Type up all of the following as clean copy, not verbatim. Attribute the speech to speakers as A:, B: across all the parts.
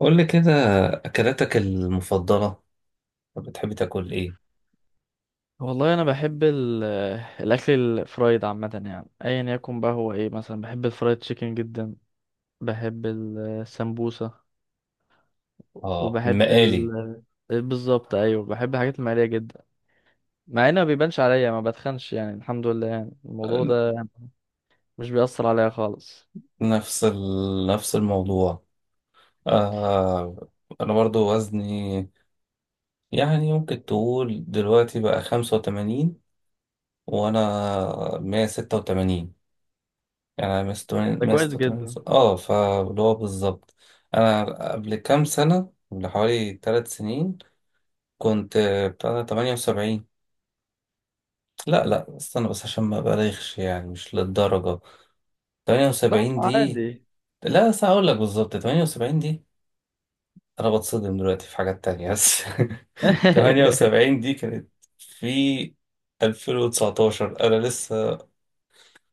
A: قول لي كده، أكلاتك المفضلة، بتحب تاكل إيه؟
B: والله انا بحب الاكل الفرايد عامه يعني ايا يكن بقى هو ايه مثلا بحب الفرايد تشيكن جدا. بحب السمبوسه.
A: آه،
B: وبحب
A: المقالي.
B: ال بالظبط ايوه بحب الحاجات المقليه جدا، مع انه ما بيبانش عليا ما بتخنش يعني الحمد لله يعني الموضوع
A: آه،
B: ده مش بيأثر عليا خالص.
A: نفس الموضوع. آه. أنا برضو وزني، يعني ممكن تقول دلوقتي بقى 85، وأنا 186. يعني أنا 186،
B: ده
A: مية
B: كويس
A: ستة وتمانين
B: جدا.
A: فاللي هو بالظبط. أنا قبل كام سنة، قبل حوالي 3 سنين كنت بتاع 78. لا لا، استنى بس عشان ما أبالغش، يعني مش للدرجة.
B: لا
A: 78 دي،
B: عادي.
A: لا بس هقول لك بالظبط، 78 دي انا بتصدم دلوقتي في حاجات تانية بس. 78 دي كانت في 2019. انا لسه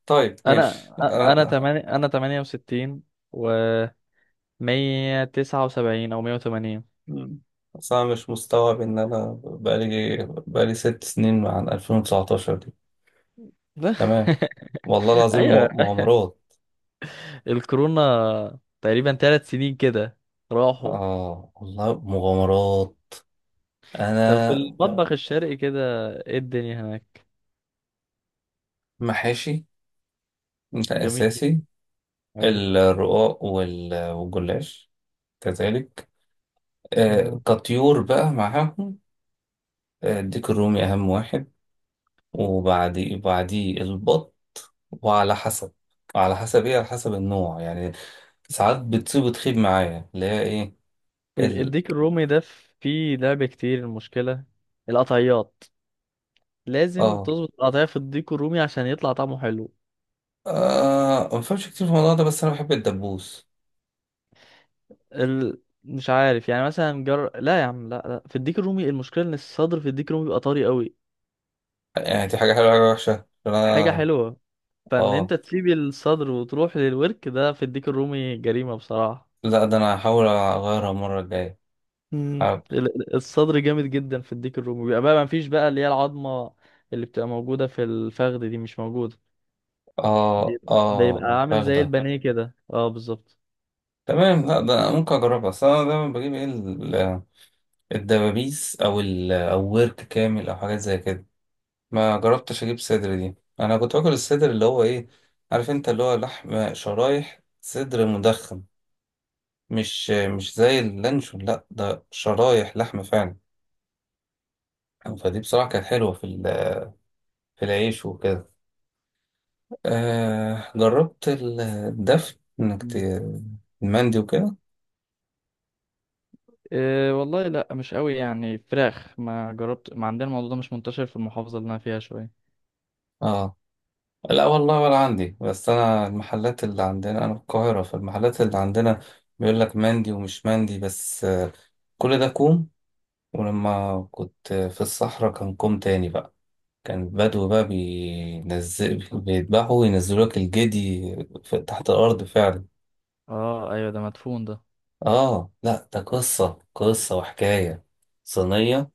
A: طيب ماشي.
B: انا
A: أنا-
B: انا
A: أه.
B: تمانية انا 68 و 179 او 180.
A: مم. بس انا مش مستوعب ان انا بقالي 6 سنين عن 2019 دي. تمام. والله العظيم
B: ايوه
A: مغامرات.
B: الكورونا تقريبا 3 سنين كده راحوا.
A: اه والله مغامرات
B: طب في
A: انا.
B: المطبخ الشرقي كده ايه الدنيا هناك.
A: محاشي ده
B: جميل.
A: اساسي.
B: ايوه.
A: الرقاق والجلاش كذلك.
B: مم.
A: كطيور بقى معاهم. الديك الرومي أهم واحد، بعديه البط. وعلى حسب وعلى حسب إيه؟ على حسب النوع يعني. ساعات بتصيب وتخيب معايا، اللي هي إيه،
B: ال-
A: ال
B: الديك الرومي ده فيه لعب كتير، المشكلة القطعيات، لازم
A: آه
B: تظبط القطعية في الديك الرومي عشان يطلع طعمه حلو.
A: ما بفهمش كتير في الموضوع ده، بس أنا بحب الدبوس.
B: مش عارف، يعني مثلا لا يا عم، لا لا، في الديك الرومي المشكلة ان الصدر في الديك الرومي بيبقى طري قوي.
A: يعني دي حاجة حلوة، حاجة وحشة؟
B: حاجة
A: أنا،
B: حلوة. فان
A: آه
B: انت تسيب الصدر وتروح للورك ده في الديك الرومي جريمة بصراحة.
A: لا ده أنا هحاول أغيرها المرة الجاية.
B: مم.
A: عارف.
B: الصدر جامد جدا في الديك الرومي، بيبقى بقى ما فيش بقى اللي هي العظمه اللي بتبقى موجوده في الفخذ دي مش موجوده. بيبقى عامل
A: الفراخ
B: زي
A: ده.
B: البانيه كده، اه بالظبط.
A: تمام، لا ده أنا ممكن أجربها، بس أنا دايما بجيب إيه؟ الدبابيس، او ال او ورك كامل، او حاجات زي كده. ما جربتش اجيب صدر دي. انا كنت باكل الصدر اللي هو ايه، عارف انت؟ اللي هو لحم شرايح صدر مدخن، مش زي اللانشون، لا ده شرايح لحم فعلا. فدي بصراحة كانت حلوة، في العيش وكده. جربت الدفن انك
B: مم.
A: المندي وكده.
B: إيه والله لا مش قوي يعني فراخ، ما جربت، ما عندنا الموضوع ده مش منتشر في المحافظة اللي أنا فيها شوية.
A: اه، لا والله ولا عندي، بس انا المحلات اللي عندنا، انا في القاهرة، فالمحلات اللي عندنا بيقول لك مندي ومش مندي، بس كل ده كوم، ولما كنت في الصحراء كان كوم تاني بقى. كان بدو بقى بينزل، بيذبحوا وينزلوا لك الجدي تحت الأرض فعلا.
B: اه ايوه، ده مدفون ده.
A: آه، لا ده قصة، قصة وحكاية. صينية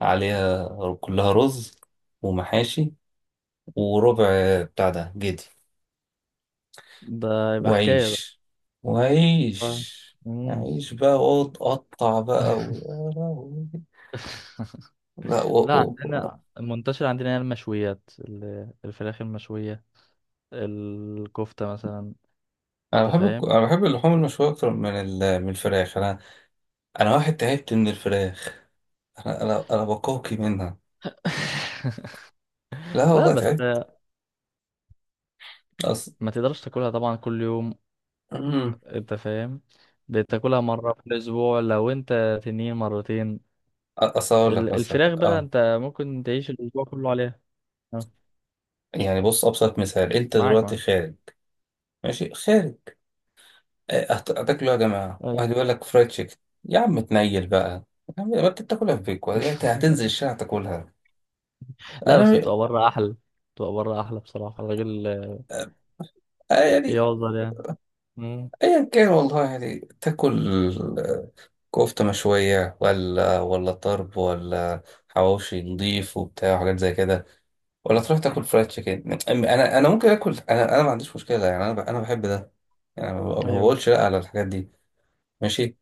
A: عليها كلها رز ومحاشي وربع بتاع ده جدي،
B: ده يبقى حكايه ده.
A: وعيش،
B: آه.
A: وعيش.
B: مم.
A: عيش بقى، وقعد قطع بقى و... لا
B: لا
A: و...
B: عندنا المنتشر عندنا هي المشويات، الفراخ المشويه، الكفته مثلا. انت فاهم.
A: انا بحب اللحوم المشويه اكتر من من الفراخ انا. انا واحد تعبت من الفراخ، انا بقوقي منها. لا
B: لا
A: والله
B: بس
A: تعبت. اصل
B: ما تقدرش تاكلها طبعا كل يوم، انت فاهم، بتاكلها مرة في الأسبوع، لو انت تنين مرتين.
A: اصل اقول لك
B: ال-
A: مثلا،
B: الفراخ بقى انت ممكن تعيش الأسبوع كله عليها. اه،
A: يعني بص، ابسط مثال: انت
B: معاك
A: دلوقتي
B: معاك
A: خارج، ماشي، خارج، هتاكلوا يا جماعه،
B: أي.
A: واحد يقول لك فرايد تشيكن. يا عم تنيل بقى. يا عم، ما انت بتاكلها في بيك، ولا إنت هتنزل الشارع تاكلها؟
B: لا بس
A: انا،
B: بتبقى بره أحلى، بتبقى بره أحلى بصراحة. الراجل اه،
A: يعني
B: يقدر يعني. مم.
A: ايا كان والله، يعني تاكل كفتة مشوية، ولا طرب، ولا حواوشي نضيف وبتاع وحاجات زي كده، ولا تروح تاكل فرايد تشيكن. انا انا ممكن اكل، انا انا ما عنديش مشكلة، يعني انا بحب ده. يعني ما
B: أيوه.
A: بقولش لا على الحاجات دي، ماشي.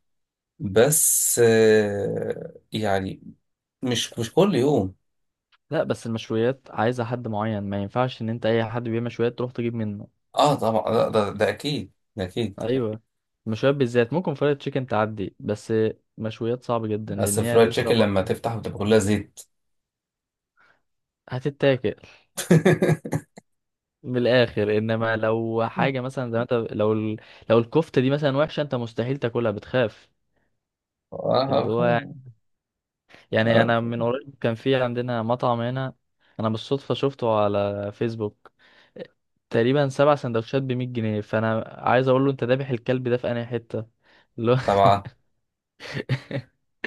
A: بس يعني، مش كل يوم.
B: لا بس المشويات عايزة حد معين، ما ينفعش إن أنت أي حد بيعمل مشويات تروح تجيب منه.
A: اه طبعا، ده اكيد، ده اكيد.
B: ايوه، مشويات بالذات ممكن فرايد تشيكن تعدي، بس مشويات صعب جدا
A: بس
B: لان هي
A: فرايد
B: لازم تبقى
A: تشيكن لما
B: مطحونة.
A: تفتح بتبقى كلها زيت.
B: هتتاكل من الاخر. انما لو حاجه مثلا زي ما انت، لو لو الكفته دي مثلا وحشه، انت مستحيل تاكلها، بتخاف.
A: آه.
B: اللي هو، يعني
A: آه،
B: انا من قريب كان في عندنا مطعم هنا، انا بالصدفه شفته على فيسبوك، تقريبا سبع سندوتشات ب 100 جنيه، فانا عايز اقول له انت ذابح الكلب ده في انهي حته.
A: طبعا.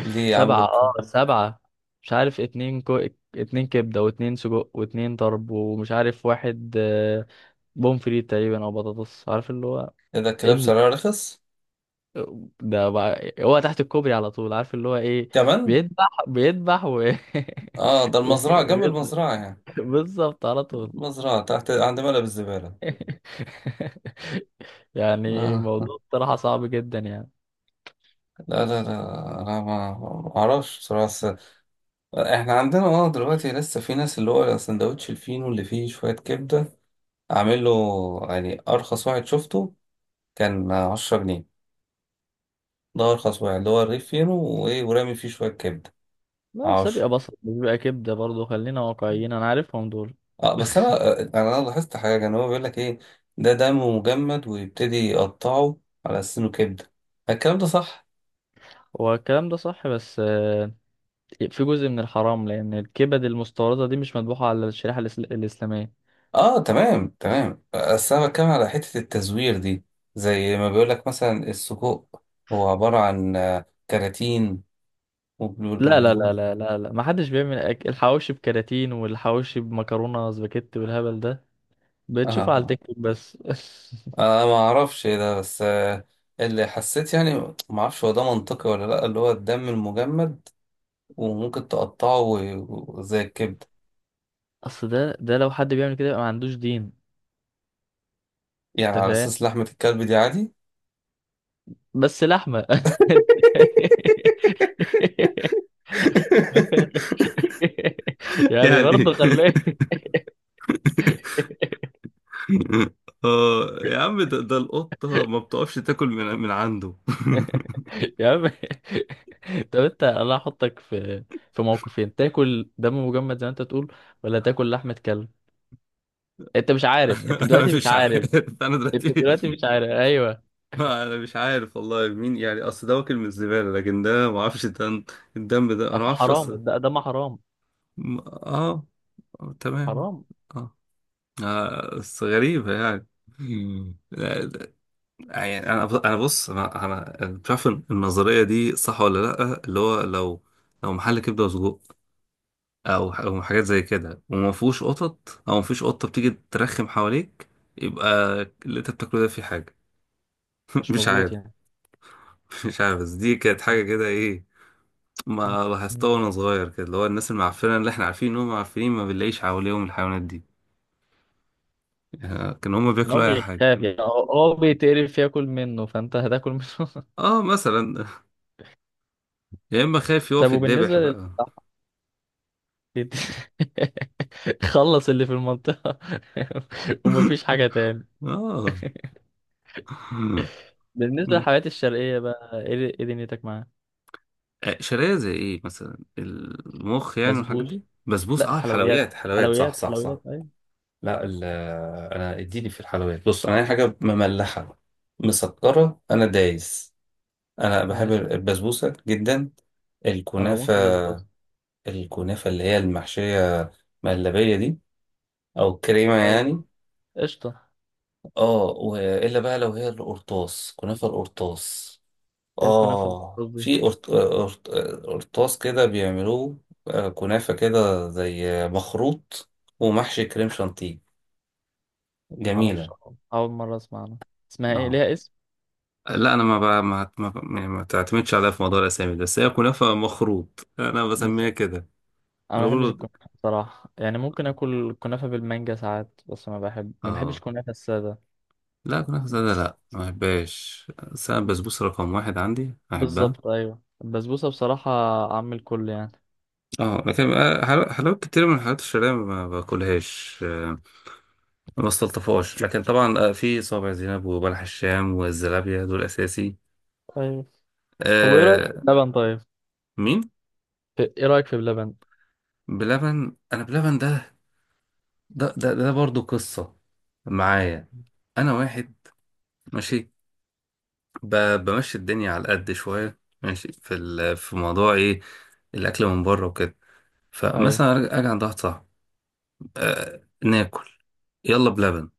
A: ليه عملوا
B: سبعة
A: كده؟
B: اه سبعة، مش عارف، اتنين كبدة واتنين سجق واتنين طرب ومش عارف واحد آه، بومفريت تقريبا او بطاطس، عارف اللي هو.
A: إيه ده؟ الكلاب
B: امل.
A: سعرها رخص.
B: ده بقى... هو تحت الكوبري على طول، عارف اللي هو ايه.
A: كمان.
B: بيذبح و...
A: اه ده المزرعة، جنب
B: وبيطلع.
A: المزرعة يعني.
B: بالظبط على طول.
A: المزرعة تحت عند ملعب الزبالة.
B: يعني
A: لا
B: موضوع بصراحة صعب جدا يعني.
A: لا لا لا، انا ما اعرفش بصراحة، بس احنا عندنا، دلوقتي لسه في ناس، اللي هو سندوتش الفينو اللي فيه شوية كبدة عامل له، يعني ارخص واحد شفته كان 10 جنيه. ده ارخص واحد، اللي هو الرغيف فينو، وايه، ورامي فيه شوية كبدة.
B: لا بس
A: 10.
B: بيبقى بصل، مش بيبقى كبدة برضه، خلينا واقعيين، انا عارفهم دول.
A: اه، بس انا لاحظت حاجه، ان هو بيقول لك ايه، ده دم مجمد ويبتدي يقطعه على سنه كبده. الكلام ده صح؟
B: هو الكلام ده صح بس آه، في جزء من الحرام لأن الكبد المستوردة دي مش مذبوحة على الشريحة الإسلامية.
A: اه تمام، تمام. بس انا بتكلم على حتة التزوير دي، زي ما بيقول لك مثلا السجق هو عبارة عن كراتين وبلو
B: لا
A: بلو
B: لا لا
A: بلو.
B: لا لا لا، ما حدش بيعمل الحواوشي بكراتين والحواوشي بمكرونة سباكيتي والهبل ده بتشوفه على
A: اه،
B: التيك توك بس.
A: انا ما اعرفش إيه ده، بس اللي حسيت يعني ما اعرفش هو ده منطقي ولا لا، اللي هو الدم المجمد وممكن تقطعه زي الكبدة.
B: أصل ده لو حد بيعمل كده يبقى ما عندوش دين.
A: يعني
B: أنت
A: على
B: فاهم.
A: اساس لحمة الكلب دي عادي؟
B: بس لحمة أنت- يعني
A: يعني ايه؟
B: برضه خليه.
A: اه يا عم، ده القطة ما بتقفش تاكل من عنده.
B: يا عم. طب انت الله احطك في موقفين، تاكل دم مجمد زي ما انت تقول، ولا تاكل لحمة كلب. انت مش عارف، انت
A: انا
B: دلوقتي مش
A: مش
B: عارف،
A: عارف. انا
B: انت دلوقتي
A: دلوقتي،
B: مش عارف. ايوه.
A: انا مش عارف والله مين، يعني اصل ده واكل من الزبالة، لكن ده ما اعرفش، الدم، الدم ده انا ما
B: اصل
A: اعرفش
B: حرام،
A: اصلا.
B: ده دم حرام،
A: م- اه آه، تمام.
B: حرام.
A: اه. بس غريبة يعني. مم. لا، يعني انا انا بص، انا بتعرف النظرية دي صح ولا لا؟ اللي هو لو، لو محل كبدة وسجق، او أو حاجات زي كده، وما فيهوش قطط، او ما فيش قطة بتيجي ترخم حواليك، يبقى اللي انت بتاكله ده فيه حاجة.
B: مش
A: مش
B: مظبوط
A: عارف.
B: يعني.
A: مش عارف، بس دي كانت حاجة كده ايه، ما لاحظتها
B: مم.
A: وانا صغير كده، اللي هو الناس المعفنة اللي احنا عارفين ان هم معفنين، ما بنلاقيش حواليهم الحيوانات دي، يعني كان هم
B: ان هو
A: بياكلوا اي حاجة.
B: بيخاف يعني، هو بيتقرف ياكل منه، فانت هتاكل منه.
A: اه مثلا. يا اما خايف
B: طب
A: يقف
B: وبالنسبة
A: يتذبح
B: لل
A: بقى.
B: خلص اللي في المنطقة. ومفيش حاجة تاني.
A: اه.
B: بالنسبة للحلويات الشرقية بقى ايه، ايه دنيتك معاها؟
A: شرايه زي ايه؟ مثلا المخ يعني والحاجات
B: بسبوس.
A: دي، بسبوس.
B: لا
A: اه
B: حلويات،
A: الحلويات، حلويات، صح
B: حلويات
A: صح صح.
B: حلويات ايوه.
A: لا انا اديني في الحلويات. بص، انا اي حاجه مملحه، مسكره، انا دايس. انا بحب
B: ماشي.
A: البسبوسه جدا،
B: انا بموت
A: الكنافه.
B: في البسبوسه.
A: الكنافه اللي هي المحشيه مهلبيه دي، او كريمه يعني.
B: ايوه قشطه.
A: اه. والا بقى لو هي القرطاس، كنافه القرطاس،
B: ايه الكنافه
A: اه
B: بالبسبوس دي؟
A: في قرطاس كده بيعملوه، كنافه كده زي مخروط ومحشي كريم شانتيه.
B: ما اعرفش،
A: جميله.
B: اول مره اسمع عنها، اسمها ايه،
A: اه،
B: ليها اسم؟
A: لا انا ما ب... ما ما, يعني ما تعتمدش عليها في موضوع الاسامي ده، بس هي كنافه مخروط انا
B: بس
A: بسميها كده.
B: انا
A: انا
B: ما بحبش
A: بقول،
B: الكنافه بصراحه يعني، ممكن اكل الكنافه بالمانجا ساعات، بس ما بحبش
A: اه.
B: الكنافه الساده
A: لا، كنافة سادة
B: بس.
A: لا، ما بحبهاش. بس أنا البسبوسة رقم واحد عندي، أحبها.
B: بالظبط ايوه البسبوسه بصراحه عم الكل يعني.
A: اه لكن حلويات كتير من الحلويات الشرقية ما باكلهاش، ما بستلطفهاش. لكن طبعا في صابع زينب وبلح الشام والزلابية، دول أساسي.
B: ايوه. طب وايه رايك في
A: آه.
B: اللبن طيب،
A: مين؟
B: ايه رايك في اللبن؟
A: بلبن؟ أنا بلبن ده، ده برضو قصة معايا. أنا واحد ماشي، بمشي الدنيا على القد شوية، ماشي في في موضوع إيه؟ الأكل من بره وكده. فمثلا
B: ايوه.
A: اجي عند واحد صاحبي، أه ناكل، يلا بلبن.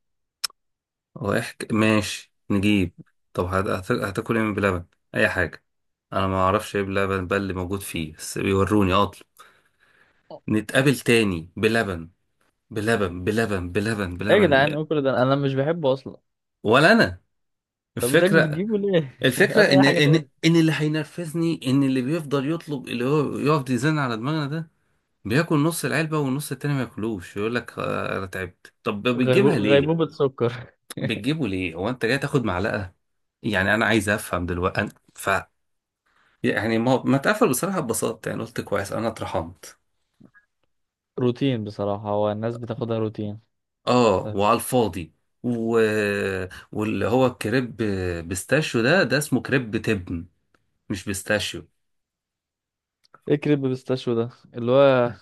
A: رايح ماشي نجيب. طب هتاكل ايه من بلبن؟ اي حاجه. انا ما اعرفش ايه بلبن، بل اللي موجود فيه، بس بيوروني اطلب. نتقابل تاني بلبن بلبن بلبن بلبن
B: ايه يا
A: بلبن
B: جدعان
A: يعني.
B: ايه كل ده، انا مش بحبه اصلا.
A: ولا انا.
B: طب بتجيب
A: الفكره،
B: بتجيبه ليه؟
A: الفكره
B: هات
A: ان،
B: أي حاجة تاني.
A: ان اللي هينرفزني، ان اللي بيفضل يطلب اللي هو يقعد يزن على دماغنا ده، بياكل نص العلبه والنص التاني ما ياكلوش، يقول لك انا تعبت. طب
B: غيبو...
A: بتجيبها
B: غيبوبة
A: ليه؟
B: سكر.
A: بتجيبه ليه؟ هو انت جاي تاخد معلقه؟ يعني انا عايز افهم دلوقتي، ف يعني ما اتقفل بصراحه، ببساطه يعني، قلت كويس، انا اترحمت.
B: روتين بصراحة، هو الناس بتاخدها روتين.
A: اه
B: طيب.
A: وعلى الفاضي. و... واللي هو كريب بيستاشيو، ده اسمه كريب تبن مش بيستاشيو.
B: ايه كريب بيستاشيو ده اللي هو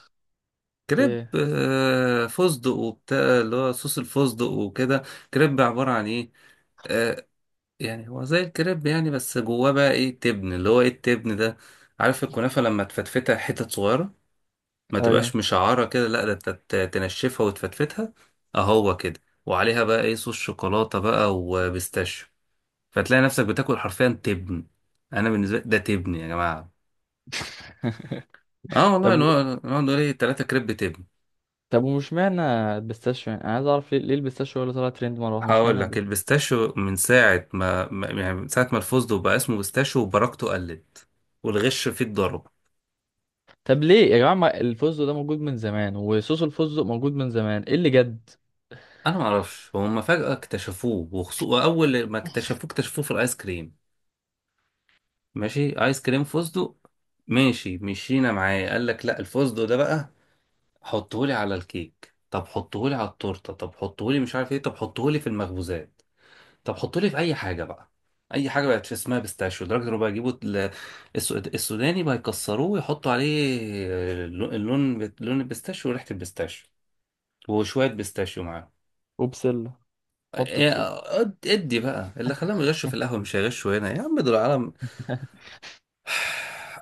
B: في
A: كريب
B: إيه؟
A: فستق وبتاع، اللي هو صوص الفستق وكده. كريب عبارة عن ايه؟ آه، يعني هو زي الكريب يعني، بس جواه بقى ايه؟ تبن. اللي هو ايه التبن ده؟ عارف الكنافة لما تفتفتها حتت صغيرة، ما
B: ايوه.
A: تبقاش مشعرة كده، لا ده انت تنشفها وتفتفتها. اهو كده، وعليها بقى ايه؟ صوص شوكولاتة بقى وبيستاشيو. فتلاقي نفسك بتاكل حرفيا تبن. انا بالنسبة لي ده تبن يا جماعة. اه والله،
B: طب
A: نقعد نقعد نقول ايه؟ تلاتة كريب تبن.
B: طب، ومش معنى البيستاشيو يعني، انا عايز اعرف ليه ليه البيستاشيو، ولا طلع ترند مره واحده؟ مش
A: هقول
B: معنى
A: لك
B: الب...
A: البيستاشيو من ساعة ما، يعني من ساعة ما الفستق بقى اسمه بيستاشيو، وبركته قلت، والغش فيه اتضرب.
B: طب ليه يا جماعه، ما الفستق ده موجود من زمان وصوص الفستق موجود من زمان، ايه اللي جد.
A: انا معرفش هما فجأة اكتشفوه، واول ما اكتشفوه، اكتشفوه في الايس كريم. ماشي، ايس كريم فستق، ماشي، مشينا معاه. قال لك لا، الفستق ده بقى حطهولي على الكيك، طب حطهولي على التورته، طب حطهولي مش عارف ايه، طب حطهولي في المخبوزات، طب حطهولي في اي حاجه بقى. اي حاجه بقت في اسمها بيستاشيو، لدرجه انه بقى يجيبوا السوداني بقى يكسروه ويحطوا عليه اللون، لون البيستاشيو وريحه البيستاشيو وشويه بيستاشيو معاه.
B: وبسله. حط
A: إيه،
B: بسله.
A: ادي بقى اللي خلاهم يغشوا في القهوه، مش هيغشوا هنا؟ يا عم دول عالم.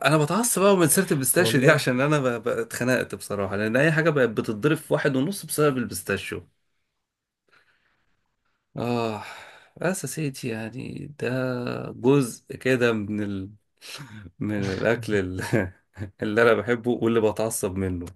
A: انا بتعصب بقى من سيره البيستاشيو دي،
B: والله.
A: عشان انا اتخنقت بصراحه، لان اي حاجه بقت بتتضرب في واحد ونص بسبب البيستاشيو. اه، بس يا سيدي، يعني ده جزء كده من ال... من الاكل ال- اللي انا بحبه واللي بتعصب منه.